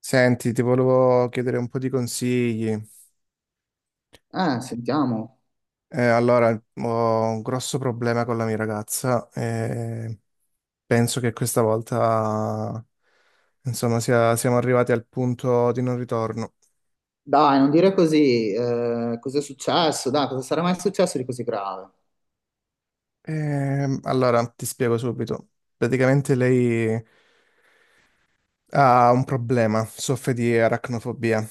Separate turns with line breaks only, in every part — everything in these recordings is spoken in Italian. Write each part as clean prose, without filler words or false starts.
Senti, ti volevo chiedere un po' di consigli.
Sentiamo.
Allora, ho un grosso problema con la mia ragazza e penso che questa volta, insomma, siamo arrivati al punto di non ritorno.
Dai, non dire così. Cosa è successo? Dai, cosa sarà mai successo di così grave?
Allora, ti spiego subito. Praticamente lei ha un problema, soffre di aracnofobia.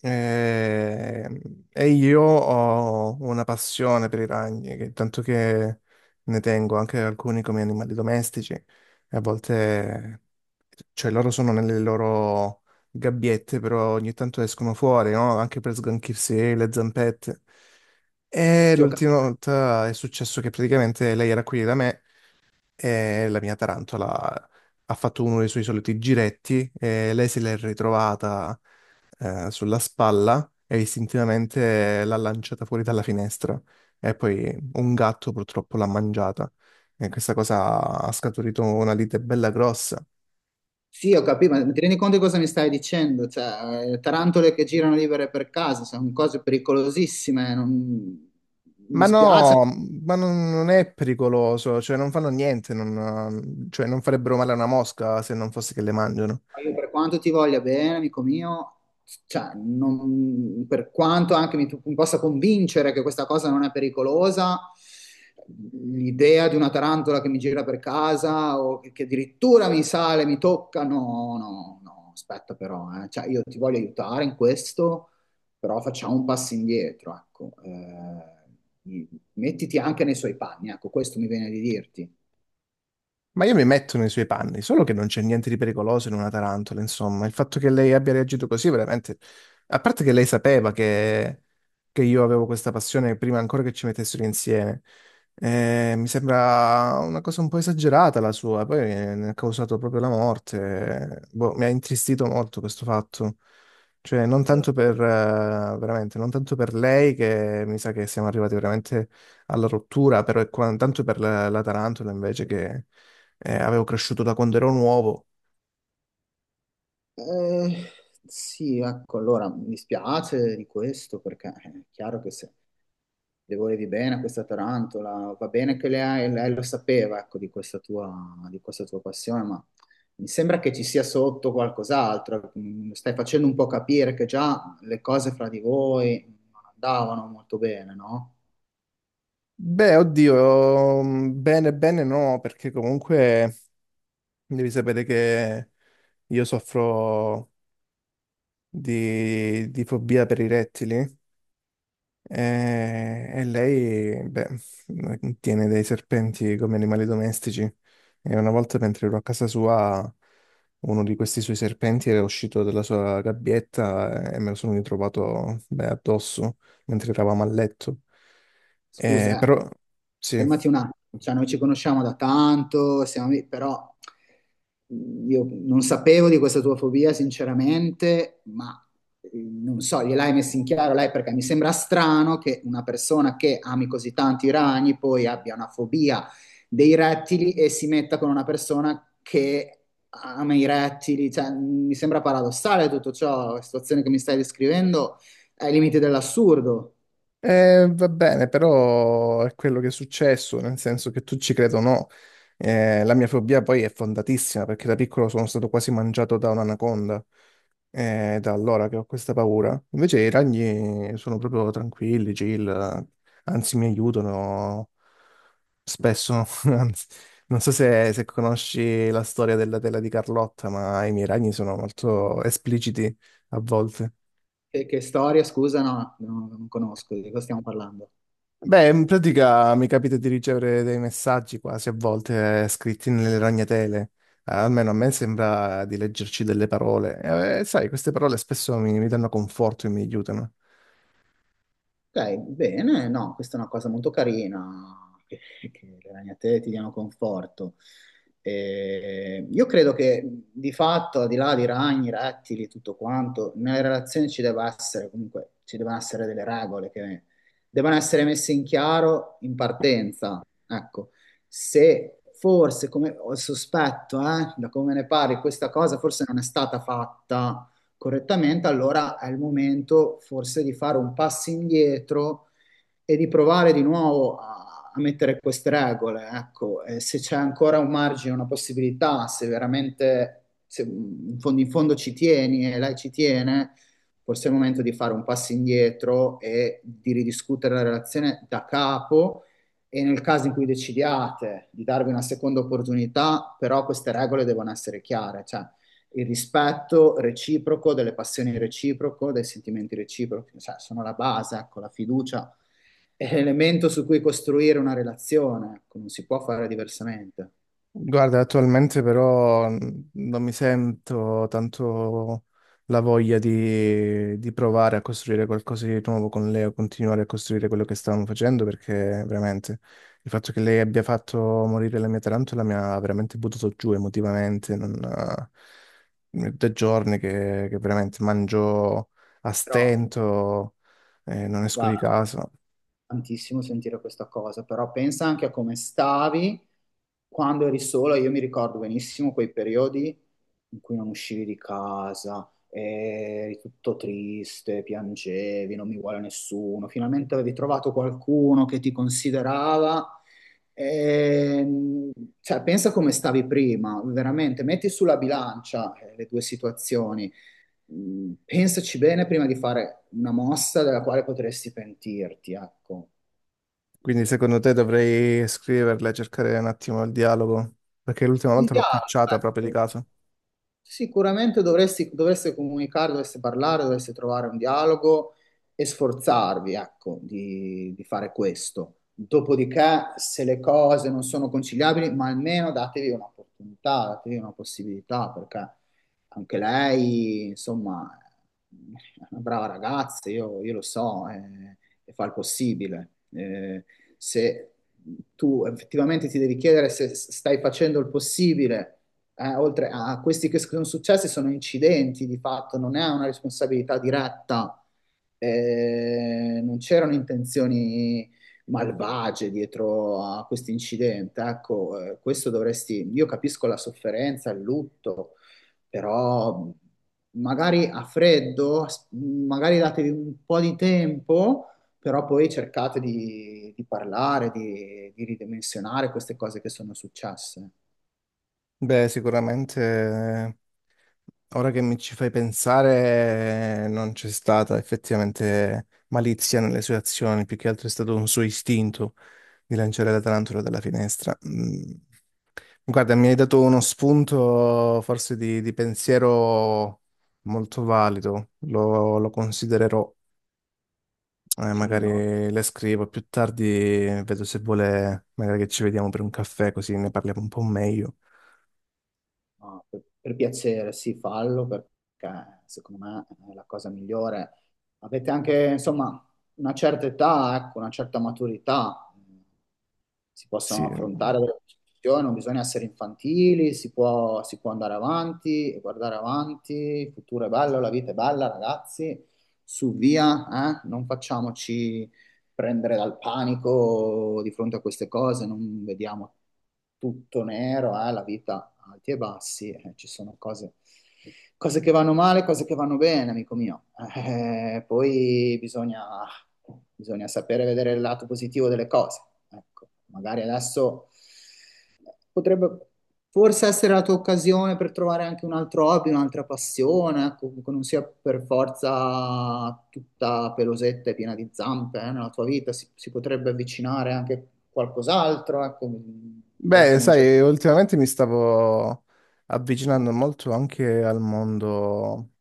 E, e io ho una passione per i ragni, tanto che ne tengo anche alcuni come animali domestici. E a volte, cioè, loro sono nelle loro gabbiette, però ogni tanto escono fuori, no? Anche per sganchirsi le zampette. E
Sì, ho cap-
l'ultima volta è successo che praticamente lei era qui da me e la mia tarantola ha fatto uno dei suoi soliti giretti e lei se l'è ritrovata sulla spalla e istintivamente l'ha lanciata fuori dalla finestra e poi un gatto purtroppo l'ha mangiata e questa cosa ha scaturito una lite bella grossa.
sì, ho capito, ma ti rendi conto di cosa mi stai dicendo? Cioè, tarantole che girano libere per casa, sono cose pericolosissime. Mi
Ma
spiace.
no, ma non è pericoloso, cioè non fanno niente, non, cioè non farebbero male a una mosca se non fosse che le mangiano.
Io per quanto ti voglia bene, amico mio, cioè, per quanto anche mi possa convincere che questa cosa non è pericolosa, l'idea di una tarantola che mi gira per casa o che addirittura mi sale, mi tocca, no, no, no, aspetta però, eh. Cioè, io ti voglio aiutare in questo, però facciamo un passo indietro, ecco. Mettiti anche nei suoi panni, ecco, questo mi viene di dirti.
Ma io mi metto nei suoi panni, solo che non c'è niente di pericoloso in una tarantola, insomma. Il fatto che lei abbia reagito così, veramente... A parte che lei sapeva che io avevo questa passione prima ancora che ci mettessero insieme. Mi sembra una cosa un po' esagerata la sua, poi ne ha causato proprio la morte. Boh, mi ha intristito molto questo fatto. Cioè, non
Allora,
tanto per, veramente, non tanto per lei, che mi sa che siamo arrivati veramente alla rottura, però tanto per la tarantola invece che avevo cresciuto da quando ero nuovo.
Eh, sì, ecco, allora mi dispiace di questo perché è chiaro che se le volevi bene a questa tarantola, va bene che lei lo sapeva, ecco, di di questa tua passione, ma mi sembra che ci sia sotto qualcos'altro. Stai facendo un po' capire che già le cose fra di voi non andavano molto bene, no?
Beh, oddio, bene, bene no, perché comunque devi sapere che io soffro di fobia per i rettili. E lei, beh, tiene dei serpenti come animali domestici. E una volta mentre ero a casa sua, uno di questi suoi serpenti era uscito dalla sua gabbietta e me lo sono ritrovato, beh, addosso mentre eravamo a letto.
Scusa,
Però, sì.
fermati un attimo, cioè, noi ci conosciamo da tanto, siamo lì, però io non sapevo di questa tua fobia, sinceramente, ma eh, non so, gliel'hai messa in chiaro lei perché mi sembra strano che una persona che ami così tanti i ragni poi abbia una fobia dei rettili e si metta con una persona che ama i rettili, cioè, mi sembra paradossale tutto ciò, la situazione che mi stai descrivendo è ai limiti dell'assurdo.
Va bene, però è quello che è successo, nel senso che tu ci credo o no. La mia fobia poi è fondatissima perché da piccolo sono stato quasi mangiato da un'anaconda. È da allora che ho questa paura. Invece i ragni sono proprio tranquilli, chill, anzi mi aiutano spesso. Anzi, non so se conosci la storia della tela di Carlotta, ma i miei ragni sono molto espliciti a volte.
Che storia, scusa, no, no, non conosco di cosa stiamo parlando.
Beh, in pratica mi capita di ricevere dei messaggi quasi a volte scritti nelle ragnatele. Almeno a me sembra di leggerci delle parole. Sai, queste parole spesso mi danno conforto e mi aiutano.
Ok, bene, no, questa è una cosa molto carina, che, che le ragnatele ti diano conforto. E io credo che di fatto, al di là di ragni, rettili, tutto quanto, nelle relazioni ci devono essere delle regole che devono essere messe in chiaro in partenza. Ecco, se forse, come ho il sospetto, da come ne parli, questa cosa forse non è stata fatta correttamente, allora è il momento forse di fare un passo indietro e di provare di nuovo a mettere queste regole, ecco, e se c'è ancora un margine, una possibilità, se veramente se in fondo ci tieni e lei ci tiene, forse è il momento di fare un passo indietro e di ridiscutere la relazione da capo e nel caso in cui decidiate di darvi una seconda opportunità, però queste regole devono essere chiare, cioè il rispetto reciproco, delle passioni reciproche, dei sentimenti reciprochi, cioè sono la base, ecco, la fiducia è l'elemento su cui costruire una relazione, ecco, non si può fare diversamente.
Guarda, attualmente però non mi sento tanto la voglia di provare a costruire qualcosa di nuovo con lei o continuare a costruire quello che stavamo facendo perché veramente il fatto che lei abbia fatto morire la mia tarantola mi ha veramente buttato giù emotivamente. Non, Da giorni che veramente mangio a
Però
stento e non esco
va,
di casa.
tantissimo sentire questa cosa, però pensa anche a come stavi quando eri sola. Io mi ricordo benissimo quei periodi in cui non uscivi di casa, eri tutto triste, piangevi, non mi vuole nessuno. Finalmente avevi trovato qualcuno che ti considerava. Ehm, cioè, pensa come stavi prima, veramente, metti sulla bilancia le due situazioni. Pensaci bene prima di fare una mossa della quale potresti pentirti, ecco.
Quindi secondo te dovrei scriverla e cercare un attimo il dialogo? Perché l'ultima
Il
volta l'ho
dialogo,
cacciata proprio di
ecco.
caso.
Sicuramente dovreste comunicare, dovreste parlare, dovreste trovare un dialogo e sforzarvi, ecco, di fare questo. Dopodiché, se le cose non sono conciliabili, ma almeno datevi un'opportunità, datevi una possibilità, perché anche lei, insomma, è una brava ragazza, io lo so, e fa il possibile. Se tu effettivamente ti devi chiedere se stai facendo il possibile oltre a questi che sono successi, sono incidenti di fatto, non è una responsabilità diretta, non c'erano intenzioni malvagie dietro a questo incidente. Ecco, questo dovresti, io capisco la sofferenza, il lutto, però magari a freddo, magari datevi un po' di tempo. Però poi cercate di parlare, di ridimensionare queste cose che sono successe.
Beh, sicuramente ora che mi ci fai pensare non c'è stata effettivamente malizia nelle sue azioni, più che altro è stato un suo istinto di lanciare la tarantola dalla finestra. Mm. Guarda, mi hai dato uno spunto forse di pensiero molto valido, lo considererò.
Sì, no?
Magari le scrivo più tardi, vedo se vuole, magari che ci vediamo per un caffè così ne parliamo un po' meglio.
No, per piacere, sì, fallo perché secondo me è la cosa migliore. Avete anche, insomma, una certa età, ecco, una certa maturità. Si
Sì.
possono affrontare delle discussioni, non bisogna essere infantili, si può andare avanti e guardare avanti. Il futuro è bello, la vita è bella, ragazzi. Su via, eh? Non facciamoci prendere dal panico di fronte a queste cose, non vediamo tutto nero, eh? La vita alti e bassi, ci sono cose, cose che vanno male, cose che vanno bene, amico mio. Poi bisogna sapere vedere il lato positivo delle cose. Ecco, magari adesso potrebbe forse essere la tua occasione per trovare anche un altro hobby, un'altra passione, ecco, che non sia per forza tutta pelosetta e piena di zampe, nella tua vita, si potrebbe avvicinare anche qualcos'altro, ecco, ora
Beh,
che non c'è più.
sai, ultimamente mi stavo avvicinando molto anche al mondo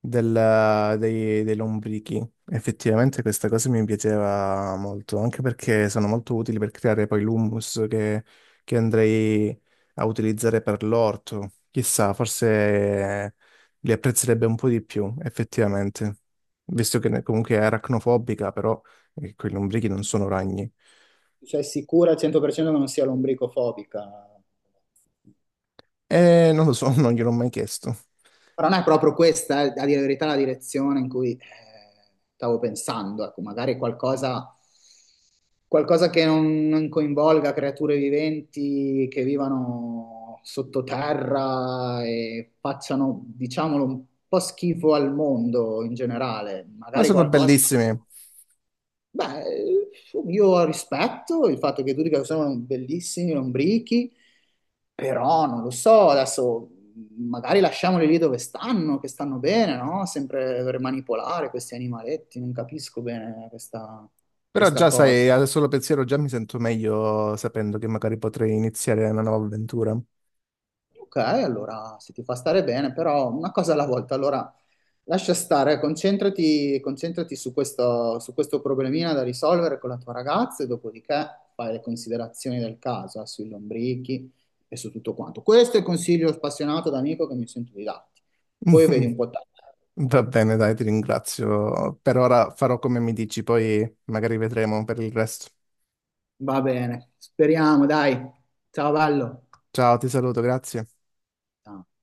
dei lombrichi. Effettivamente questa cosa mi piaceva molto, anche perché sono molto utili per creare poi l'hummus che andrei a utilizzare per l'orto. Chissà, forse li apprezzerebbe un po' di più, effettivamente, visto che comunque è aracnofobica, però quei lombrichi non sono ragni.
Cioè, sicura al 100% che non sia lombricofobica?
E non lo so, non gliel'ho mai chiesto.
Però non è proprio questa, a dire la verità, la direzione in cui stavo pensando. Ecco, magari qualcosa, qualcosa che non coinvolga creature viventi che vivano sottoterra e facciano, diciamolo, un po' schifo al mondo in generale.
Ma
Magari
sono
qualcosa.
bellissimi.
Beh, io rispetto il fatto che tu dica che sono bellissimi, lombrichi, però non lo so, adesso magari lasciamoli lì dove stanno, che stanno bene, no? Sempre per manipolare questi animaletti, non capisco bene
Però
questa
già
cosa.
sai, adesso lo pensiero già mi sento meglio sapendo che magari potrei iniziare una nuova avventura.
Ok, allora se ti fa stare bene, però una cosa alla volta, allora lascia stare, concentrati su questo problemino da risolvere con la tua ragazza e dopodiché fai le considerazioni del caso, sui lombrichi e su tutto quanto. Questo è il consiglio spassionato da amico che mi sento di darti. Poi vedi un po' te.
Va bene, dai, ti ringrazio. Per ora farò come mi dici, poi magari vedremo per il resto.
Va bene, speriamo, dai. Ciao, bello.
Ciao, ti saluto, grazie.
Ciao.